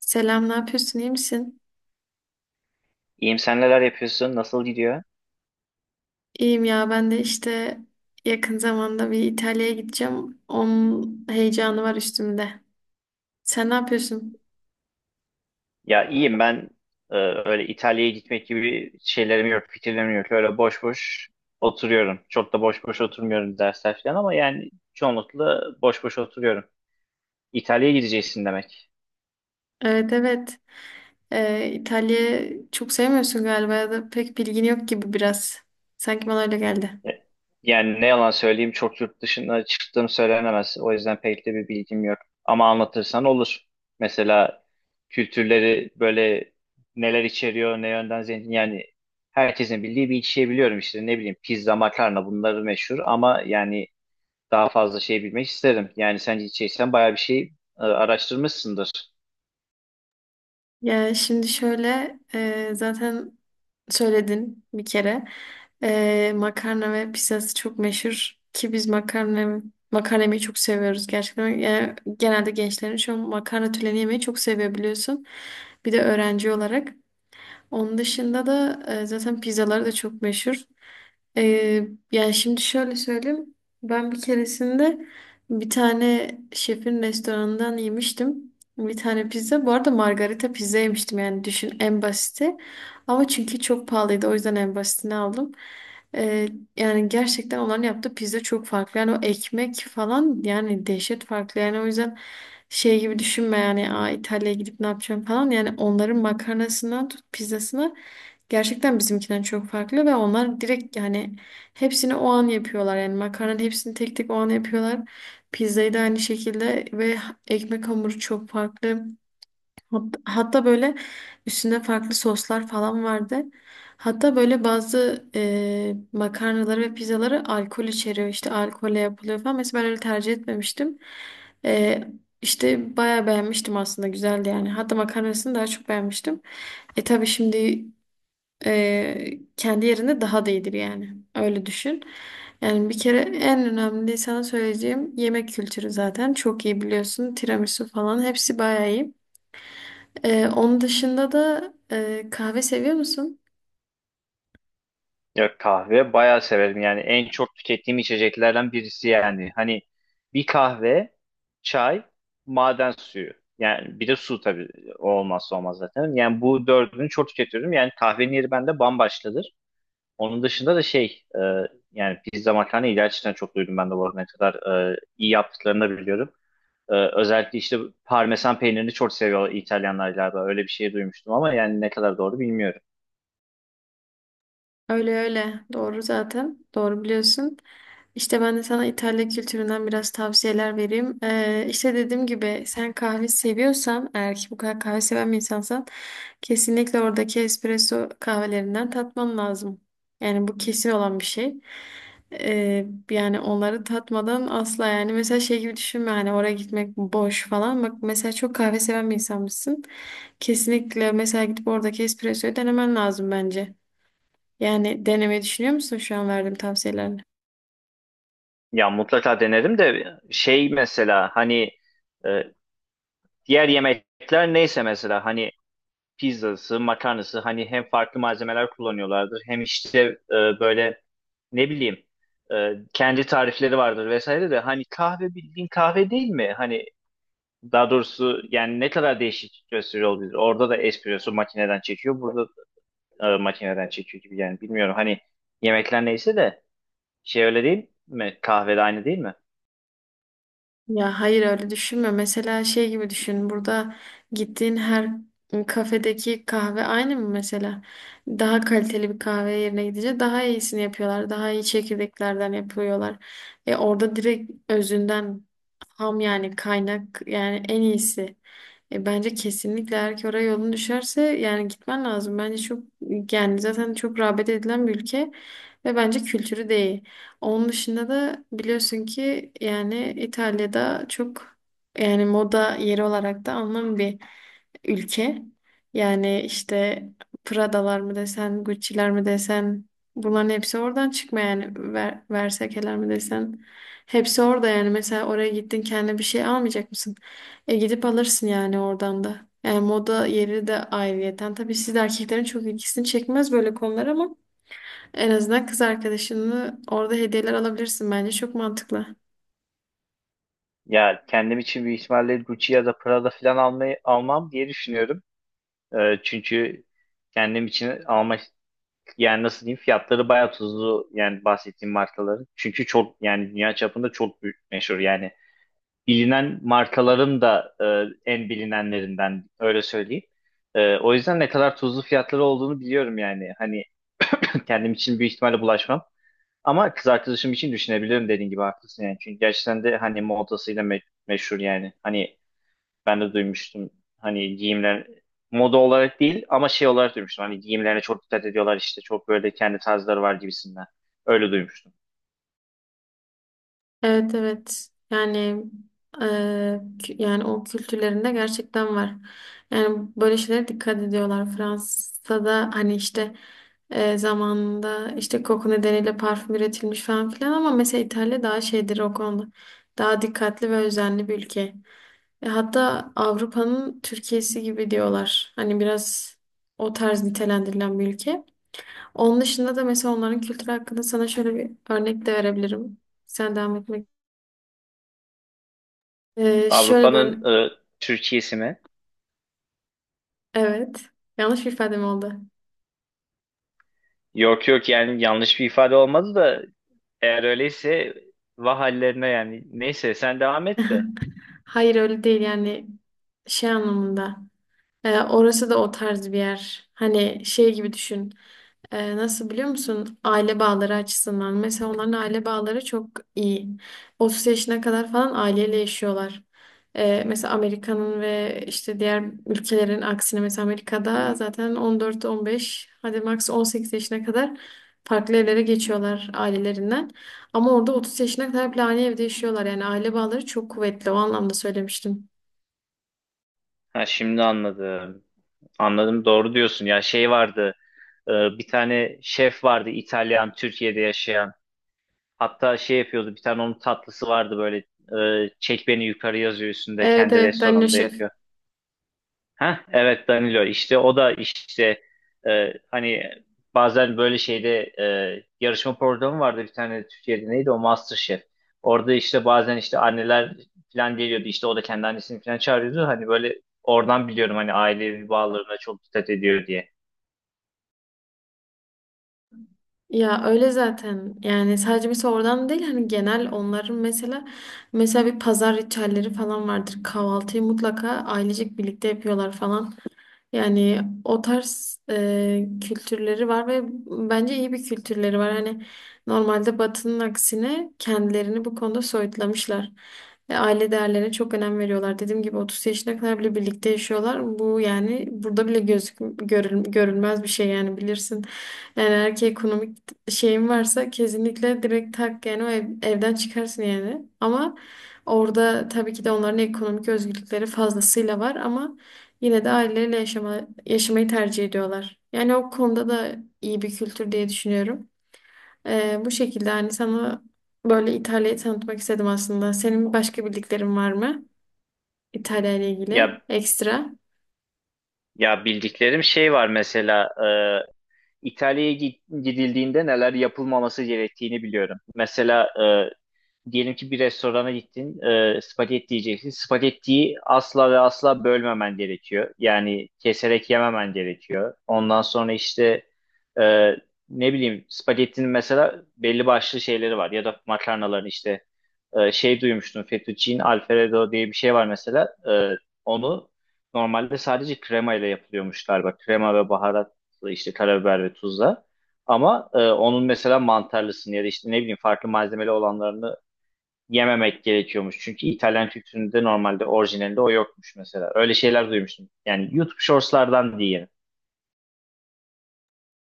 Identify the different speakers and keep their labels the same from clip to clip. Speaker 1: Selam, ne yapıyorsun? İyi misin?
Speaker 2: İyiyim, sen neler yapıyorsun? Nasıl gidiyor?
Speaker 1: İyiyim ya, ben de işte yakın zamanda bir İtalya'ya gideceğim. Onun heyecanı var üstümde. Sen ne yapıyorsun?
Speaker 2: Ya iyiyim ben. Öyle İtalya'ya gitmek gibi şeylerim yok, fikirlerim yok. Öyle boş boş oturuyorum. Çok da boş boş oturmuyorum, dersler falan, ama yani çoğunlukla boş boş oturuyorum. İtalya'ya gideceksin demek.
Speaker 1: Evet, evet. İtalya'yı çok sevmiyorsun galiba ya da pek bilgin yok gibi biraz. Sanki bana öyle geldi.
Speaker 2: E, Yani ne yalan söyleyeyim, çok yurt dışına çıktığım söylenemez. O yüzden pek de bir bilgim yok. Ama anlatırsan olur. Mesela kültürleri böyle neler içeriyor, ne yönden zengin. Yani herkesin bildiği bir iki şey biliyorum işte. Ne bileyim, pizza, makarna, bunları meşhur. Ama yani daha fazla şey bilmek isterim. Yani sen içeysen bayağı bir şey araştırmışsındır.
Speaker 1: Ya şimdi şöyle, zaten söyledin bir kere. Makarna ve pizzası çok meşhur ki biz makarnayı çok seviyoruz gerçekten. Yani genelde gençlerin şu an makarna türlerini yemeyi çok seviyor biliyorsun. Bir de öğrenci olarak. Onun dışında da zaten pizzaları da çok meşhur. E, Yani şimdi şöyle söyleyeyim. Ben bir keresinde bir tane şefin restoranından yemiştim. Bir tane pizza. Bu arada margarita pizza yemiştim yani düşün en basiti. Ama çünkü çok pahalıydı, o yüzden en basitini aldım. E, Yani gerçekten onların yaptığı pizza çok farklı. Yani o ekmek falan yani dehşet farklı. Yani o yüzden şey gibi düşünme yani İtalya'ya gidip ne yapacağım falan. Yani onların makarnasından tut pizzasına gerçekten bizimkinden çok farklı ve onlar direkt yani hepsini o an yapıyorlar. Yani makarnanın hepsini tek tek o an yapıyorlar. Pizzayı da aynı şekilde ve ekmek hamuru çok farklı. Hatta böyle üstünde farklı soslar falan vardı. Hatta böyle bazı makarnaları ve pizzaları alkol içeriyor. İşte alkolle yapılıyor falan. Mesela ben öyle tercih etmemiştim. E, işte bayağı beğenmiştim aslında. Güzeldi yani. Hatta makarnasını daha çok beğenmiştim. Tabii şimdi kendi yerinde daha da iyidir yani. Öyle düşün. Yani bir kere en önemli sana söyleyeceğim yemek kültürü zaten. Çok iyi biliyorsun. Tiramisu falan hepsi bayağı iyi. Onun dışında da kahve seviyor musun?
Speaker 2: Ya kahve bayağı severim. Yani en çok tükettiğim içeceklerden birisi yani. Hani bir kahve, çay, maden suyu. Yani bir de su tabii, o olmazsa olmaz zaten. Yani bu dördünü çok tüketiyorum. Yani kahvenin yeri bende bambaşkadır. Onun dışında da şey, yani pizza, makarna iyi, gerçekten çok duydum ben de bu arada, ne kadar iyi yaptıklarını da biliyorum. Özellikle işte parmesan peynirini çok seviyor İtalyanlar galiba. Öyle bir şey duymuştum ama yani ne kadar doğru bilmiyorum.
Speaker 1: Öyle öyle. Doğru zaten. Doğru biliyorsun. İşte ben de sana İtalya kültüründen biraz tavsiyeler vereyim. İşte dediğim gibi sen kahve seviyorsan, eğer ki bu kadar kahve seven bir insansan kesinlikle oradaki espresso kahvelerinden tatman lazım. Yani bu kesin olan bir şey. Yani onları tatmadan asla, yani mesela şey gibi düşünme hani oraya gitmek boş falan. Bak, mesela çok kahve seven bir insanmışsın. Kesinlikle mesela gidip oradaki espressoyu denemen lazım bence. Yani denemeyi düşünüyor musun şu an verdiğim tavsiyelerden?
Speaker 2: Ya mutlaka denerim de şey, mesela hani, e, diğer yemekler neyse mesela, hani pizzası, makarnası hani hem farklı malzemeler kullanıyorlardır, hem işte böyle ne bileyim, kendi tarifleri vardır vesaire, de hani kahve bildiğin kahve değil mi? Hani daha doğrusu yani ne kadar değişik gösteriyor olabilir. Orada da espresso makineden çekiyor, burada makineden çekiyor gibi, yani bilmiyorum. Hani yemekler neyse de şey öyle değil mi? Kahve de aynı değil mi?
Speaker 1: Ya, hayır öyle düşünme. Mesela şey gibi düşün. Burada gittiğin her kafedeki kahve aynı mı mesela? Daha kaliteli bir kahve yerine gidince daha iyisini yapıyorlar. Daha iyi çekirdeklerden yapıyorlar. Orada direkt özünden ham, yani kaynak yani en iyisi. Bence kesinlikle eğer ki oraya yolun düşerse yani gitmen lazım. Bence çok, yani zaten çok rağbet edilen bir ülke ve bence kültürü değil. Onun dışında da biliyorsun ki yani İtalya'da çok, yani moda yeri olarak da anlam bir ülke. Yani işte Prada'lar mı desen, Gucci'ler mi desen bunların hepsi oradan çıkma yani Versace'ler mi desen. Hepsi orada yani, mesela oraya gittin kendine bir şey almayacak mısın? Gidip alırsın yani oradan da. Yani moda yeri de ayrıyeten. Tabii siz de erkeklerin çok ilgisini çekmez böyle konular ama en azından kız arkadaşını orada hediyeler alabilirsin bence. Çok mantıklı.
Speaker 2: Ya kendim için büyük ihtimalle Gucci ya da Prada falan almayı, almam diye düşünüyorum. Çünkü kendim için alma, yani nasıl diyeyim, fiyatları bayağı tuzlu yani bahsettiğim markaların. Çünkü çok yani dünya çapında çok büyük meşhur yani bilinen markaların da en bilinenlerinden, öyle söyleyeyim. O yüzden ne kadar tuzlu fiyatları olduğunu biliyorum yani. Hani kendim için büyük ihtimalle bulaşmam. Ama kız arkadaşım için düşünebilirim, dediğin gibi haklısın yani. Çünkü gerçekten de hani modasıyla meşhur yani. Hani ben de duymuştum. Hani giyimler moda olarak değil ama şey olarak duymuştum. Hani giyimlerine çok dikkat ediyorlar işte. Çok böyle kendi tarzları var gibisinden. Öyle duymuştum.
Speaker 1: Evet, evet. Yani e, yani o kültürlerinde gerçekten var. Yani böyle şeylere dikkat ediyorlar. Fransa'da hani işte zamanında işte koku nedeniyle parfüm üretilmiş falan filan, ama mesela İtalya daha şeydir o konuda. Daha dikkatli ve özenli bir ülke. Hatta Avrupa'nın Türkiye'si gibi diyorlar. Hani biraz o tarz nitelendirilen bir ülke. Onun dışında da mesela onların kültürü hakkında sana şöyle bir örnek de verebilirim. Sen devam etme. Ee, şöyle bir
Speaker 2: Avrupa'nın
Speaker 1: örne-
Speaker 2: e, Türkiye'si mi?
Speaker 1: Evet. Yanlış bir ifadem oldu.
Speaker 2: Yok yok, yani yanlış bir ifade olmadı da, eğer öyleyse vah hallerine yani. Neyse, sen devam et de.
Speaker 1: Hayır öyle değil yani, şey anlamında. Orası da o tarz bir yer. Hani şey gibi düşün. Nasıl biliyor musun? Aile bağları açısından. Mesela onların aile bağları çok iyi. 30 yaşına kadar falan aileyle yaşıyorlar. Mesela Amerika'nın ve işte diğer ülkelerin aksine, mesela Amerika'da zaten 14-15, hadi max 18 yaşına kadar farklı evlere geçiyorlar ailelerinden. Ama orada 30 yaşına kadar bile aynı evde yaşıyorlar. Yani aile bağları çok kuvvetli. O anlamda söylemiştim.
Speaker 2: Ha, şimdi anladım. Anladım, doğru diyorsun. Ya şey vardı. e, Bir tane şef vardı, İtalyan, Türkiye'de yaşayan. Hatta şey yapıyordu, bir tane onun tatlısı vardı böyle, çek beni yukarı yazıyor üstünde,
Speaker 1: Evet,
Speaker 2: kendi
Speaker 1: evet, Danilo
Speaker 2: restoranında
Speaker 1: Şef.
Speaker 2: yapıyor. Ha evet, Danilo işte, o da işte hani bazen böyle şeyde, yarışma programı vardı bir tane Türkiye'de, neydi o, MasterChef. Orada işte bazen işte anneler falan geliyordu, işte o da kendi annesini falan çağırıyordu. Hani böyle oradan biliyorum hani ailevi bağlarına çok dikkat ediyor diye.
Speaker 1: Ya öyle zaten yani, sadece mesela oradan değil hani genel onların mesela bir pazar ritüelleri falan vardır. Kahvaltıyı mutlaka ailecek birlikte yapıyorlar falan. Yani o tarz kültürleri var ve bence iyi bir kültürleri var. Hani normalde Batı'nın aksine kendilerini bu konuda soyutlamışlar. Ve aile değerlerine çok önem veriyorlar. Dediğim gibi 30 yaşına kadar bile birlikte yaşıyorlar. Bu yani burada bile görülmez bir şey yani, bilirsin. Yani erkeğe ekonomik şeyin varsa kesinlikle direkt tak yani o evden çıkarsın yani. Ama orada tabii ki de onların ekonomik özgürlükleri fazlasıyla var ama yine de aileleriyle yaşamayı tercih ediyorlar. Yani o konuda da iyi bir kültür diye düşünüyorum. Bu şekilde hani sana böyle İtalya'yı tanıtmak istedim aslında. Senin başka bildiklerin var mı İtalya ile ilgili
Speaker 2: Ya
Speaker 1: ekstra?
Speaker 2: ya bildiklerim şey var, mesela İtalya'ya gidildiğinde neler yapılmaması gerektiğini biliyorum. Mesela e, diyelim ki bir restorana gittin, spagetti yiyeceksin. Spagettiyi asla ve asla bölmemen gerekiyor. Yani keserek yememen gerekiyor. Ondan sonra işte e, ne bileyim, spagettinin mesela belli başlı şeyleri var, ya da makarnaların işte şey duymuştum. Fettuccine Alfredo diye bir şey var mesela. Onu normalde sadece krema ile yapılıyormuş galiba. Krema ve baharatla, işte karabiber ve tuzla. Ama onun mesela mantarlısını ya da işte ne bileyim farklı malzemeli olanlarını yememek gerekiyormuş. Çünkü İtalyan kültüründe normalde orijinalinde o yokmuş mesela. Öyle şeyler duymuştum. Yani YouTube shortslardan diyeyim.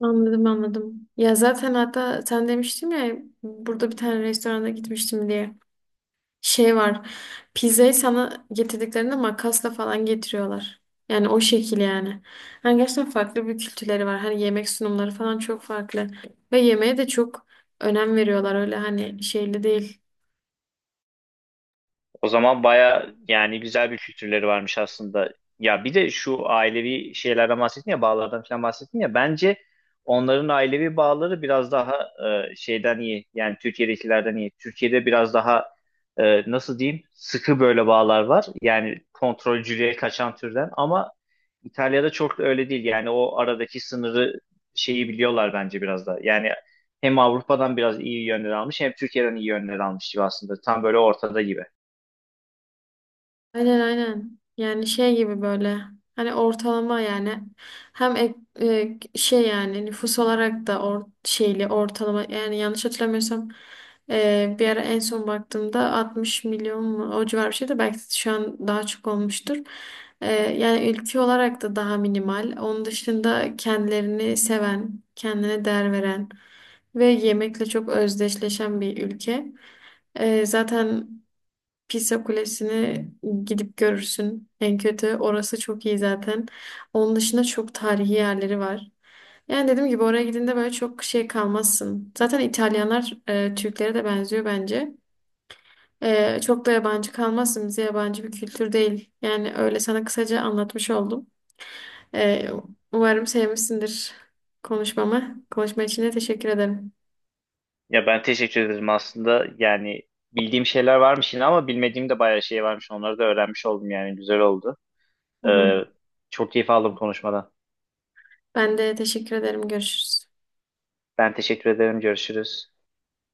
Speaker 1: Anladım, anladım. Ya zaten hatta sen demiştin ya, burada bir tane restorana gitmiştim diye. Şey var. Pizzayı sana getirdiklerinde makasla falan getiriyorlar. Yani o şekil yani. Hani gerçekten farklı bir kültürleri var. Hani yemek sunumları falan çok farklı. Ve yemeğe de çok önem veriyorlar. Öyle hani şeyli değil.
Speaker 2: O zaman baya yani güzel bir kültürleri varmış aslında. Ya bir de şu ailevi şeylerden bahsettin ya, bağlardan falan bahsettin ya, bence onların ailevi bağları biraz daha şeyden iyi, yani Türkiye'dekilerden iyi. Türkiye'de biraz daha nasıl diyeyim, sıkı böyle bağlar var yani, kontrolcülüğe kaçan türden, ama İtalya'da çok da öyle değil yani. O aradaki sınırı, şeyi biliyorlar bence biraz da yani, hem Avrupa'dan biraz iyi yönler almış, hem Türkiye'den iyi yönler almış gibi, aslında tam böyle ortada gibi.
Speaker 1: Aynen, aynen. Yani şey gibi böyle hani ortalama yani, hem ek- şey yani nüfus olarak da şeyli ortalama yani, yanlış hatırlamıyorsam bir ara en son baktığımda 60 milyon mu, o civar bir şeydi, belki şu an daha çok olmuştur. Yani ülke olarak da daha minimal. Onun dışında kendilerini seven, kendine değer veren ve yemekle çok özdeşleşen bir ülke. Zaten Pisa Kulesi'ni gidip görürsün. En kötü orası çok iyi zaten. Onun dışında çok tarihi yerleri var. Yani dediğim gibi oraya gidince böyle çok şey kalmazsın. Zaten İtalyanlar Türklere de benziyor bence. Çok da yabancı kalmazsın. Bize yabancı bir kültür değil. Yani öyle sana kısaca anlatmış oldum. E, Umarım sevmişsindir konuşmamı. Konuşma için de teşekkür ederim.
Speaker 2: Ya ben teşekkür ederim aslında. Yani bildiğim şeyler varmış yine, ama bilmediğim de bayağı şey varmış. Onları da öğrenmiş oldum yani. Güzel oldu.
Speaker 1: Hı hı.
Speaker 2: Ee, Çok keyif aldım konuşmadan.
Speaker 1: Ben de teşekkür ederim. Görüşürüz.
Speaker 2: Ben teşekkür ederim. Görüşürüz.